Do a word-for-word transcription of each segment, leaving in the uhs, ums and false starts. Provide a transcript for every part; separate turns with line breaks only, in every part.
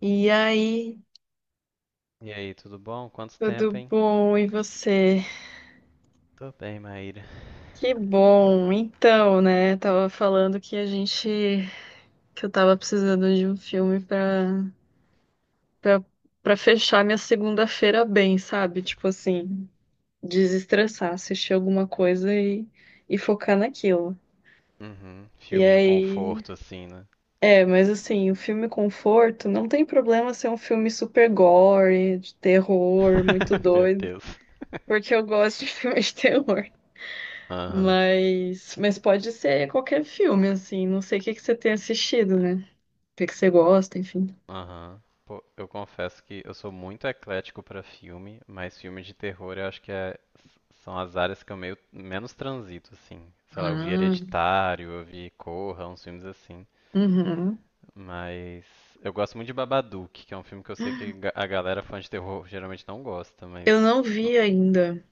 E aí,
E aí, tudo bom? Quanto tempo,
tudo
hein?
bom? E você?
Tô bem, Maíra.
Que bom. Então, né, tava falando que a gente que eu tava precisando de um filme pra para para fechar minha segunda-feira bem, sabe? Tipo assim, desestressar, assistir alguma coisa e e focar naquilo.
Uhum.
E
Filminho
aí,
conforto, assim, né?
é, mas assim, o filme conforto não tem problema ser um filme super gore, de terror, muito
Meu
doido,
Deus.
porque eu gosto de filmes de terror.
Aham,
Mas, mas pode ser qualquer filme, assim. Não sei o que que você tem assistido, né? O que que você gosta, enfim.
aham. Pô, eu confesso que eu sou muito eclético pra filme, mas filme de terror eu acho que é- são as áreas que eu meio menos transito, assim. Sei lá, eu vi
Ah,
Hereditário, eu vi Corra, uns filmes assim.
uhum.
Mas gosto muito de Babadook, que é um filme que eu sei que ga- a galera fã de terror geralmente não gosta, mas
Eu não vi ainda.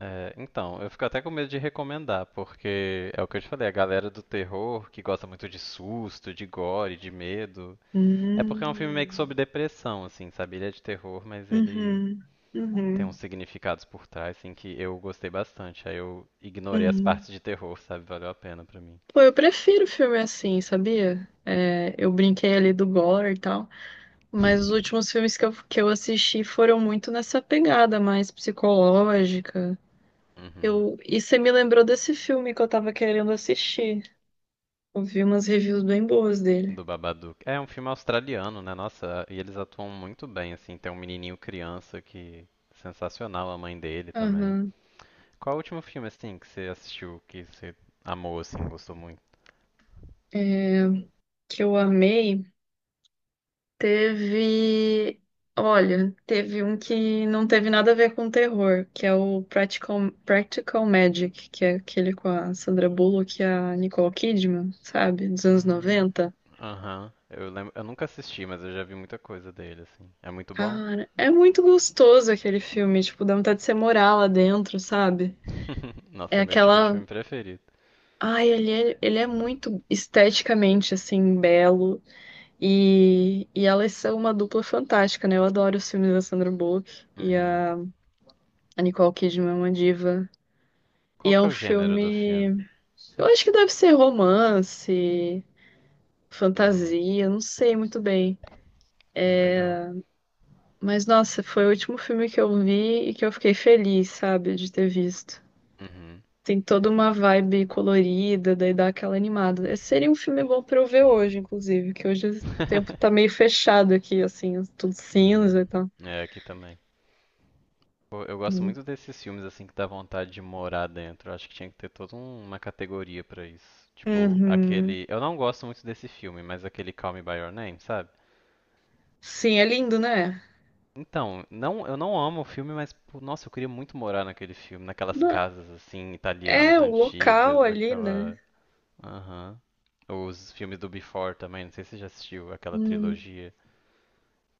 é, então, eu fico até com medo de recomendar, porque é o que eu te falei, a galera do terror que gosta muito de susto, de gore, de medo. É porque é um filme meio que
Hum,
sobre depressão, assim, sabe? Ele é de terror, mas ele
uhum,
tem uns
uhum,
significados por trás, assim, que eu gostei bastante. Aí eu ignorei as
uhum.
partes de terror, sabe? Valeu a pena pra mim.
Pô, eu prefiro filme assim, sabia? É, eu brinquei ali do gore e tal, mas os últimos filmes que eu, que eu assisti foram muito nessa pegada mais psicológica.
Uhum.
Eu, e você me lembrou desse filme que eu tava querendo assistir. Eu vi umas reviews bem boas dele.
Do Babadook. É um filme australiano, né? Nossa, e eles atuam muito bem, assim. Tem um menininho criança que. Sensacional, a mãe dele também.
Aham.
Qual o último filme, assim, que você assistiu, que você amou, assim, gostou muito?
É, que eu amei. Teve. Olha, teve um que não teve nada a ver com terror, que é o Practical, Practical Magic, que é aquele com a Sandra Bullock e a Nicole Kidman, sabe? Dos anos
Hum,
noventa.
aham. Eu lembro, eu nunca assisti, mas eu já vi muita coisa dele, assim. É muito bom?
Cara, é muito gostoso aquele filme, tipo, dá vontade de você morar lá dentro, sabe? É
Nossa, é meu tipo de
aquela.
filme preferido.
Ai, ele é, ele é muito esteticamente, assim, belo. E, e elas são uma dupla fantástica, né? Eu adoro os filmes da Sandra Bullock e
Uhum.
a, a Nicole Kidman é uma diva. E
Qual
é
que é
um
o gênero do
filme.
filme?
Eu acho que deve ser romance,
Uhum.
fantasia, não sei muito bem.
Pô, legal.
Mas nossa, foi o último filme que eu vi e que eu fiquei feliz, sabe, de ter visto.
Uhum.
Tem toda uma vibe colorida, daí dá aquela animada. Esse seria um filme bom pra eu ver hoje, inclusive, que hoje o tempo tá meio fechado aqui, assim, tudo cinza
Uhum.
e tal.
É, aqui também. Pô, eu gosto muito desses filmes, assim, que dá vontade de morar dentro. Eu acho que tinha que ter toda um- uma categoria pra isso. Tipo,
Uhum.
aquele... Eu não gosto muito desse filme, mas aquele Call Me By Your Name, sabe?
Sim, é lindo, né?
Então, não, eu não amo o filme, mas pô, nossa, eu queria muito morar naquele filme, naquelas
Não-
casas assim italianas
É, o local
antigas,
ali, né?
aquela, aham. Os filmes do Before também, não sei se você já assistiu aquela
Hum,
trilogia,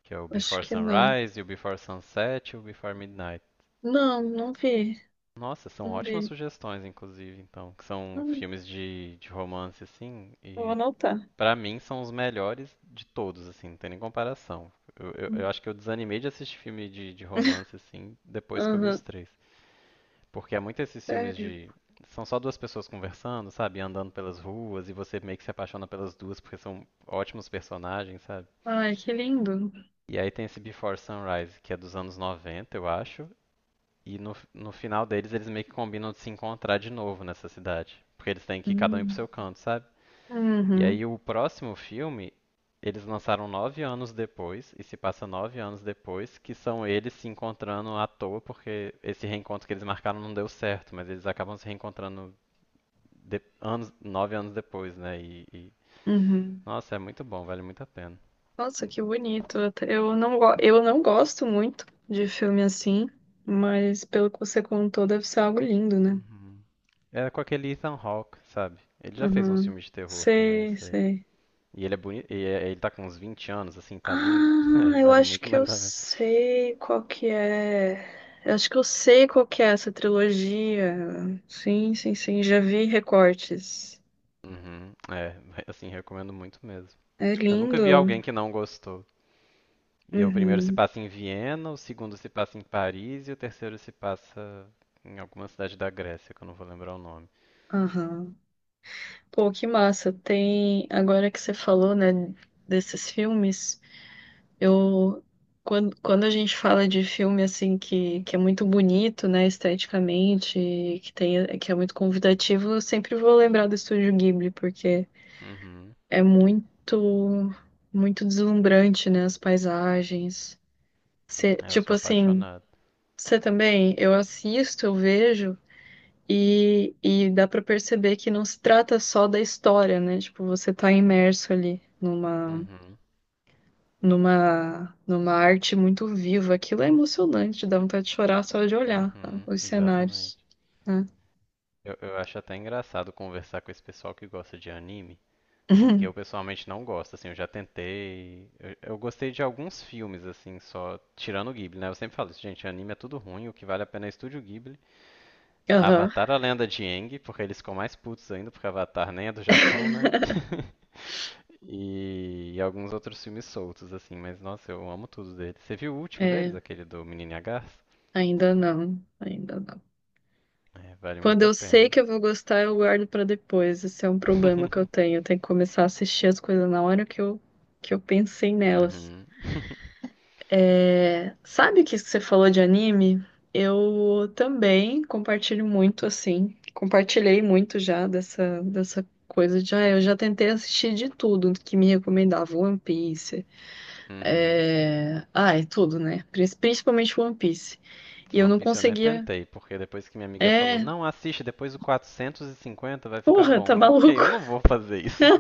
que é o
acho
Before
que não.
Sunrise, e o Before Sunset e o Before Midnight.
Não, não vi.
Nossa, são
Não
ótimas
vi.
sugestões, inclusive, então, que são
Hum,
filmes de, de romance, assim,
vou
e
anotar.
pra mim são os melhores de todos, assim, não tem nem comparação. Eu, eu, eu acho que eu desanimei de assistir filme de, de
Hum.
romance, assim, depois que eu vi os
Aham,
três. Porque há muito esses filmes
sério.
de. São só duas pessoas conversando, sabe? Andando pelas ruas e você meio que se apaixona pelas duas porque são ótimos personagens, sabe?
Ai, que lindo.
E aí tem esse Before Sunrise, que é dos anos noventa, eu acho. E no, no final deles, eles meio que combinam de se encontrar de novo nessa cidade. Porque eles têm que ir cada um ir pro
Hum.
seu canto, sabe? E
Uhum,
aí o próximo filme, eles lançaram nove anos depois, e se passa nove anos depois, que são eles se encontrando à toa, porque esse reencontro que eles marcaram não deu certo, mas eles acabam se reencontrando de- anos, nove anos depois, né? E, e-
uhum.
nossa, é muito bom, vale muito a pena.
Nossa, que bonito. Eu eu não, go- eu não gosto muito de filme assim, mas pelo que você contou, deve ser algo lindo, né?
Uhum. Era com aquele Ethan Hawke, sabe? Ele já fez uns
Uhum.
filmes de terror também, eu
Sei,
sei.
sei.
E ele é bonito, e é- ele tá com uns vinte anos, assim, tá lindo.
Ah,
Aí
eu
vale
acho
muito
que eu
mais a pena.
sei qual que é. Eu acho que eu sei qual que é essa trilogia. Sim, sim, sim, já vi recortes.
Uhum, é, assim, recomendo muito mesmo.
É
Eu nunca
lindo.
vi alguém que não gostou. E o primeiro se
Uhum,
passa em Viena, o segundo se passa em Paris e o terceiro se passa em alguma cidade da Grécia, que eu não vou lembrar o nome.
aham. Pô, que massa. Tem, agora que você falou, né, desses filmes, eu quando, quando a gente fala de filme assim que, que é muito bonito, né, esteticamente, que tem, que é muito convidativo, eu sempre vou lembrar do Estúdio Ghibli, porque
Uhum.
é muito, muito deslumbrante, né? As paisagens. Cê-
É, eu sou
tipo assim,
apaixonado.
você também, eu assisto, eu vejo e, e dá pra perceber que não se trata só da história, né? Tipo, você tá imerso ali numa,
Uhum.
numa, numa arte muito viva. Aquilo é emocionante, dá vontade de chorar só de olhar tá?
Uhum,
Os cenários,
exatamente.
né?
Eu, eu acho até engraçado conversar com esse pessoal que gosta de anime, porque eu pessoalmente não gosto, assim, eu já tentei. Eu, eu gostei de alguns filmes, assim, só tirando o Ghibli, né? Eu sempre falo isso, gente, anime é tudo ruim, o que vale a pena é Estúdio Ghibli.
Aham.
Avatar a Lenda de Aang, porque eles ficam mais putos ainda, porque Avatar nem é do Japão, né? E, e alguns outros filmes soltos, assim, mas nossa, eu amo tudo deles. Você viu o último
É,
deles, aquele do Menino e a Garça?
ainda não, ainda não.
É, vale
Quando
muito a
eu sei
pena.
que eu vou gostar, eu guardo pra depois. Esse é um problema que eu tenho. Eu tenho que começar a assistir as coisas na hora que eu, que eu pensei nelas.
Uhum.
É, sabe que você falou de anime? Eu também compartilho muito, assim. Compartilhei muito já dessa, dessa coisa de. Ah, eu já tentei assistir de tudo que me recomendava. One Piece.
Uhum.
É... Ah, é tudo, né? Prin- Principalmente One Piece. E eu
One
não
Piece eu nem
conseguia.
tentei, porque depois que minha amiga falou,
É.
não, assiste, depois do quatrocentos e cinquenta vai ficar
Porra, tá
bom. Eu fiquei,
maluco?
eu não vou fazer isso.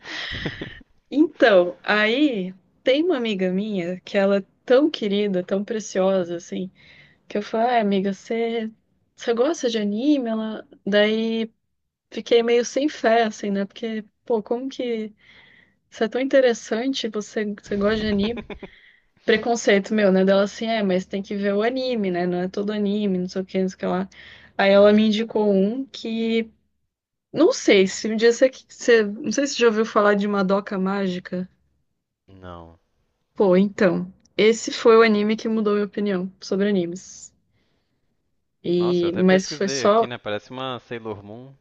Então, aí tem uma amiga minha que ela é tão querida, tão preciosa, assim, que eu falei, ai, amiga, você você gosta de anime? Ela... Daí fiquei meio sem fé, assim, né? Porque, pô, como que isso é tão interessante, você, você gosta de anime? Preconceito meu, né? Dela assim, é, mas tem que ver o anime, né? Não é todo anime, não sei o que, não sei o que lá. Aí ela me
Uhum.
indicou um que, não sei, se um dia você, você... não sei se você já ouviu falar de Madoka Mágica.
Não.
Pô, então, esse foi o anime que mudou minha opinião sobre animes.
Nossa, eu
E,
até
mas foi
pesquisei
só.
aqui, né? Parece uma Sailor Moon.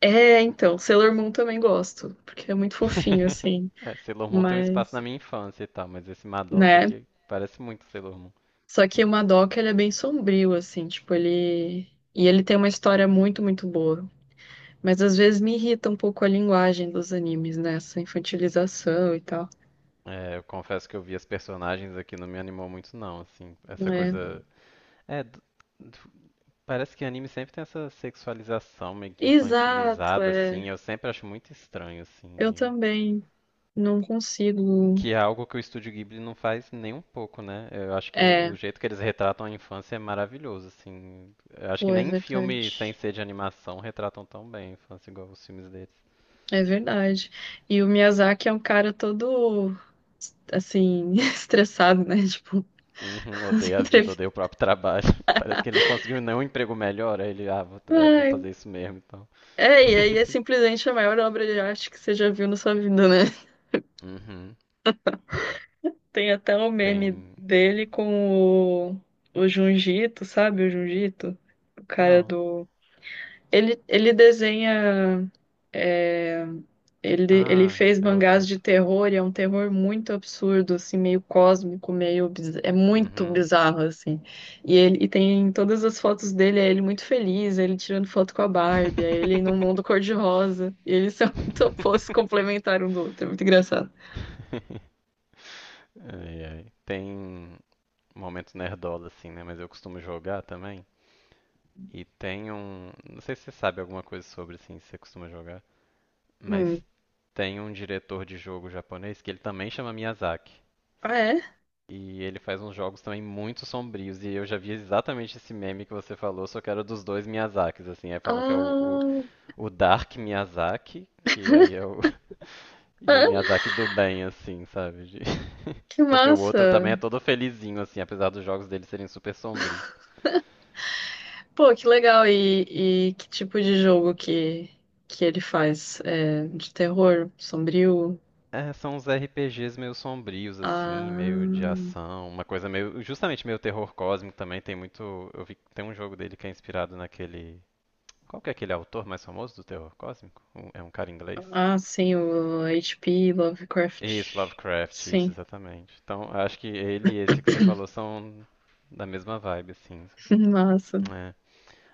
É, então, Sailor Moon também gosto, porque é muito fofinho, assim.
É, Sailor Moon tem um espaço
Mas,
na minha infância e tal, mas esse Madoka
né?
aqui parece muito Sailor Moon.
Só que o Madoka, ele é bem sombrio, assim, tipo, ele. E ele tem uma história muito, muito boa. Mas às vezes me irrita um pouco a linguagem dos animes, né? Essa infantilização e tal.
É, eu confesso que eu vi as personagens aqui, não me animou muito não, assim, essa
É.
coisa... É, d- parece que anime sempre tem essa sexualização meio que
Exato,
infantilizada,
é.
assim. Eu sempre acho muito estranho, assim.
Eu
e-
também não consigo.
Que é algo que o Estúdio Ghibli não faz nem um pouco, né? Eu acho que o,
É,
o jeito que eles retratam a infância é maravilhoso, assim. Eu acho que
pô, é
nem em filme sem
verdade.
ser de animação retratam tão bem a infância igual os filmes deles.
É verdade. E o Miyazaki é um cara todo, assim, estressado, né? Tipo,
Uhum,
as
odeio a vida,
entrevistas.
odeia o próprio trabalho. Parece que ele não conseguiu nenhum emprego melhor. Aí ele, ah, vou, é, vou
Ai,
fazer isso mesmo, então.
é, e aí é simplesmente a maior obra de arte que você já viu na sua vida, né?
Uhum,
Tem até o meme
tem.
dele com o, o Junjito, sabe? O Junjito, o cara
Não.
do. Ele, ele desenha. É, ele, ele
Ah,
fez
é outro,
mangás de
outro.
terror e é um terror muito absurdo, assim, meio cósmico, meio biz- é muito
Uhum.
bizarro, assim. E ele e tem todas as fotos dele, é ele muito feliz, é ele tirando foto com a Barbie, é ele num mundo cor-de-rosa. E eles são muito opostos, complementar um do outro, é muito engraçado.
Ai, ai. Tem momentos nerdola assim, né? Mas eu costumo jogar também. E tem um. Não sei se você sabe alguma coisa sobre, assim, se você costuma jogar. Mas
Hum.
tem um diretor de jogo japonês que ele também chama Miyazaki.
Ah, é?
E ele faz uns jogos também muito sombrios. E eu já vi exatamente esse meme que você falou, só que era dos dois Miyazakis, assim. Aí falam que é o, o,
Ah,
o Dark Miyazaki, que aí é o. E o Miyazaki do bem, assim, sabe? De-
que
Porque o
massa!
outro também é todo felizinho, assim, apesar dos jogos dele serem super sombrios.
Pô, que legal! E, e que tipo de jogo que, que ele faz? É, de terror, sombrio?
É, são uns R P Gs meio sombrios, assim, meio de
Ah,
ação, uma coisa meio. Justamente meio terror cósmico também. Tem muito. Eu vi que tem um jogo dele que é inspirado naquele. Qual que é aquele autor mais famoso do terror cósmico? Um- É um cara inglês?
ah, sim, o agá pê.
Isso,
Lovecraft.
Lovecraft, isso,
Sim.
exatamente. Então, acho que ele e esse que você falou são da mesma vibe, assim. Isso aqui.
Massa.
É.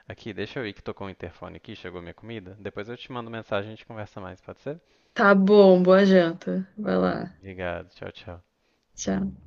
Aqui, deixa eu ir que tocou o interfone aqui, chegou minha comida. Depois eu te mando mensagem e a gente conversa mais, pode ser?
Tá bom, boa janta. Vai lá.
Obrigado. Tchau, tchau.
Tchau.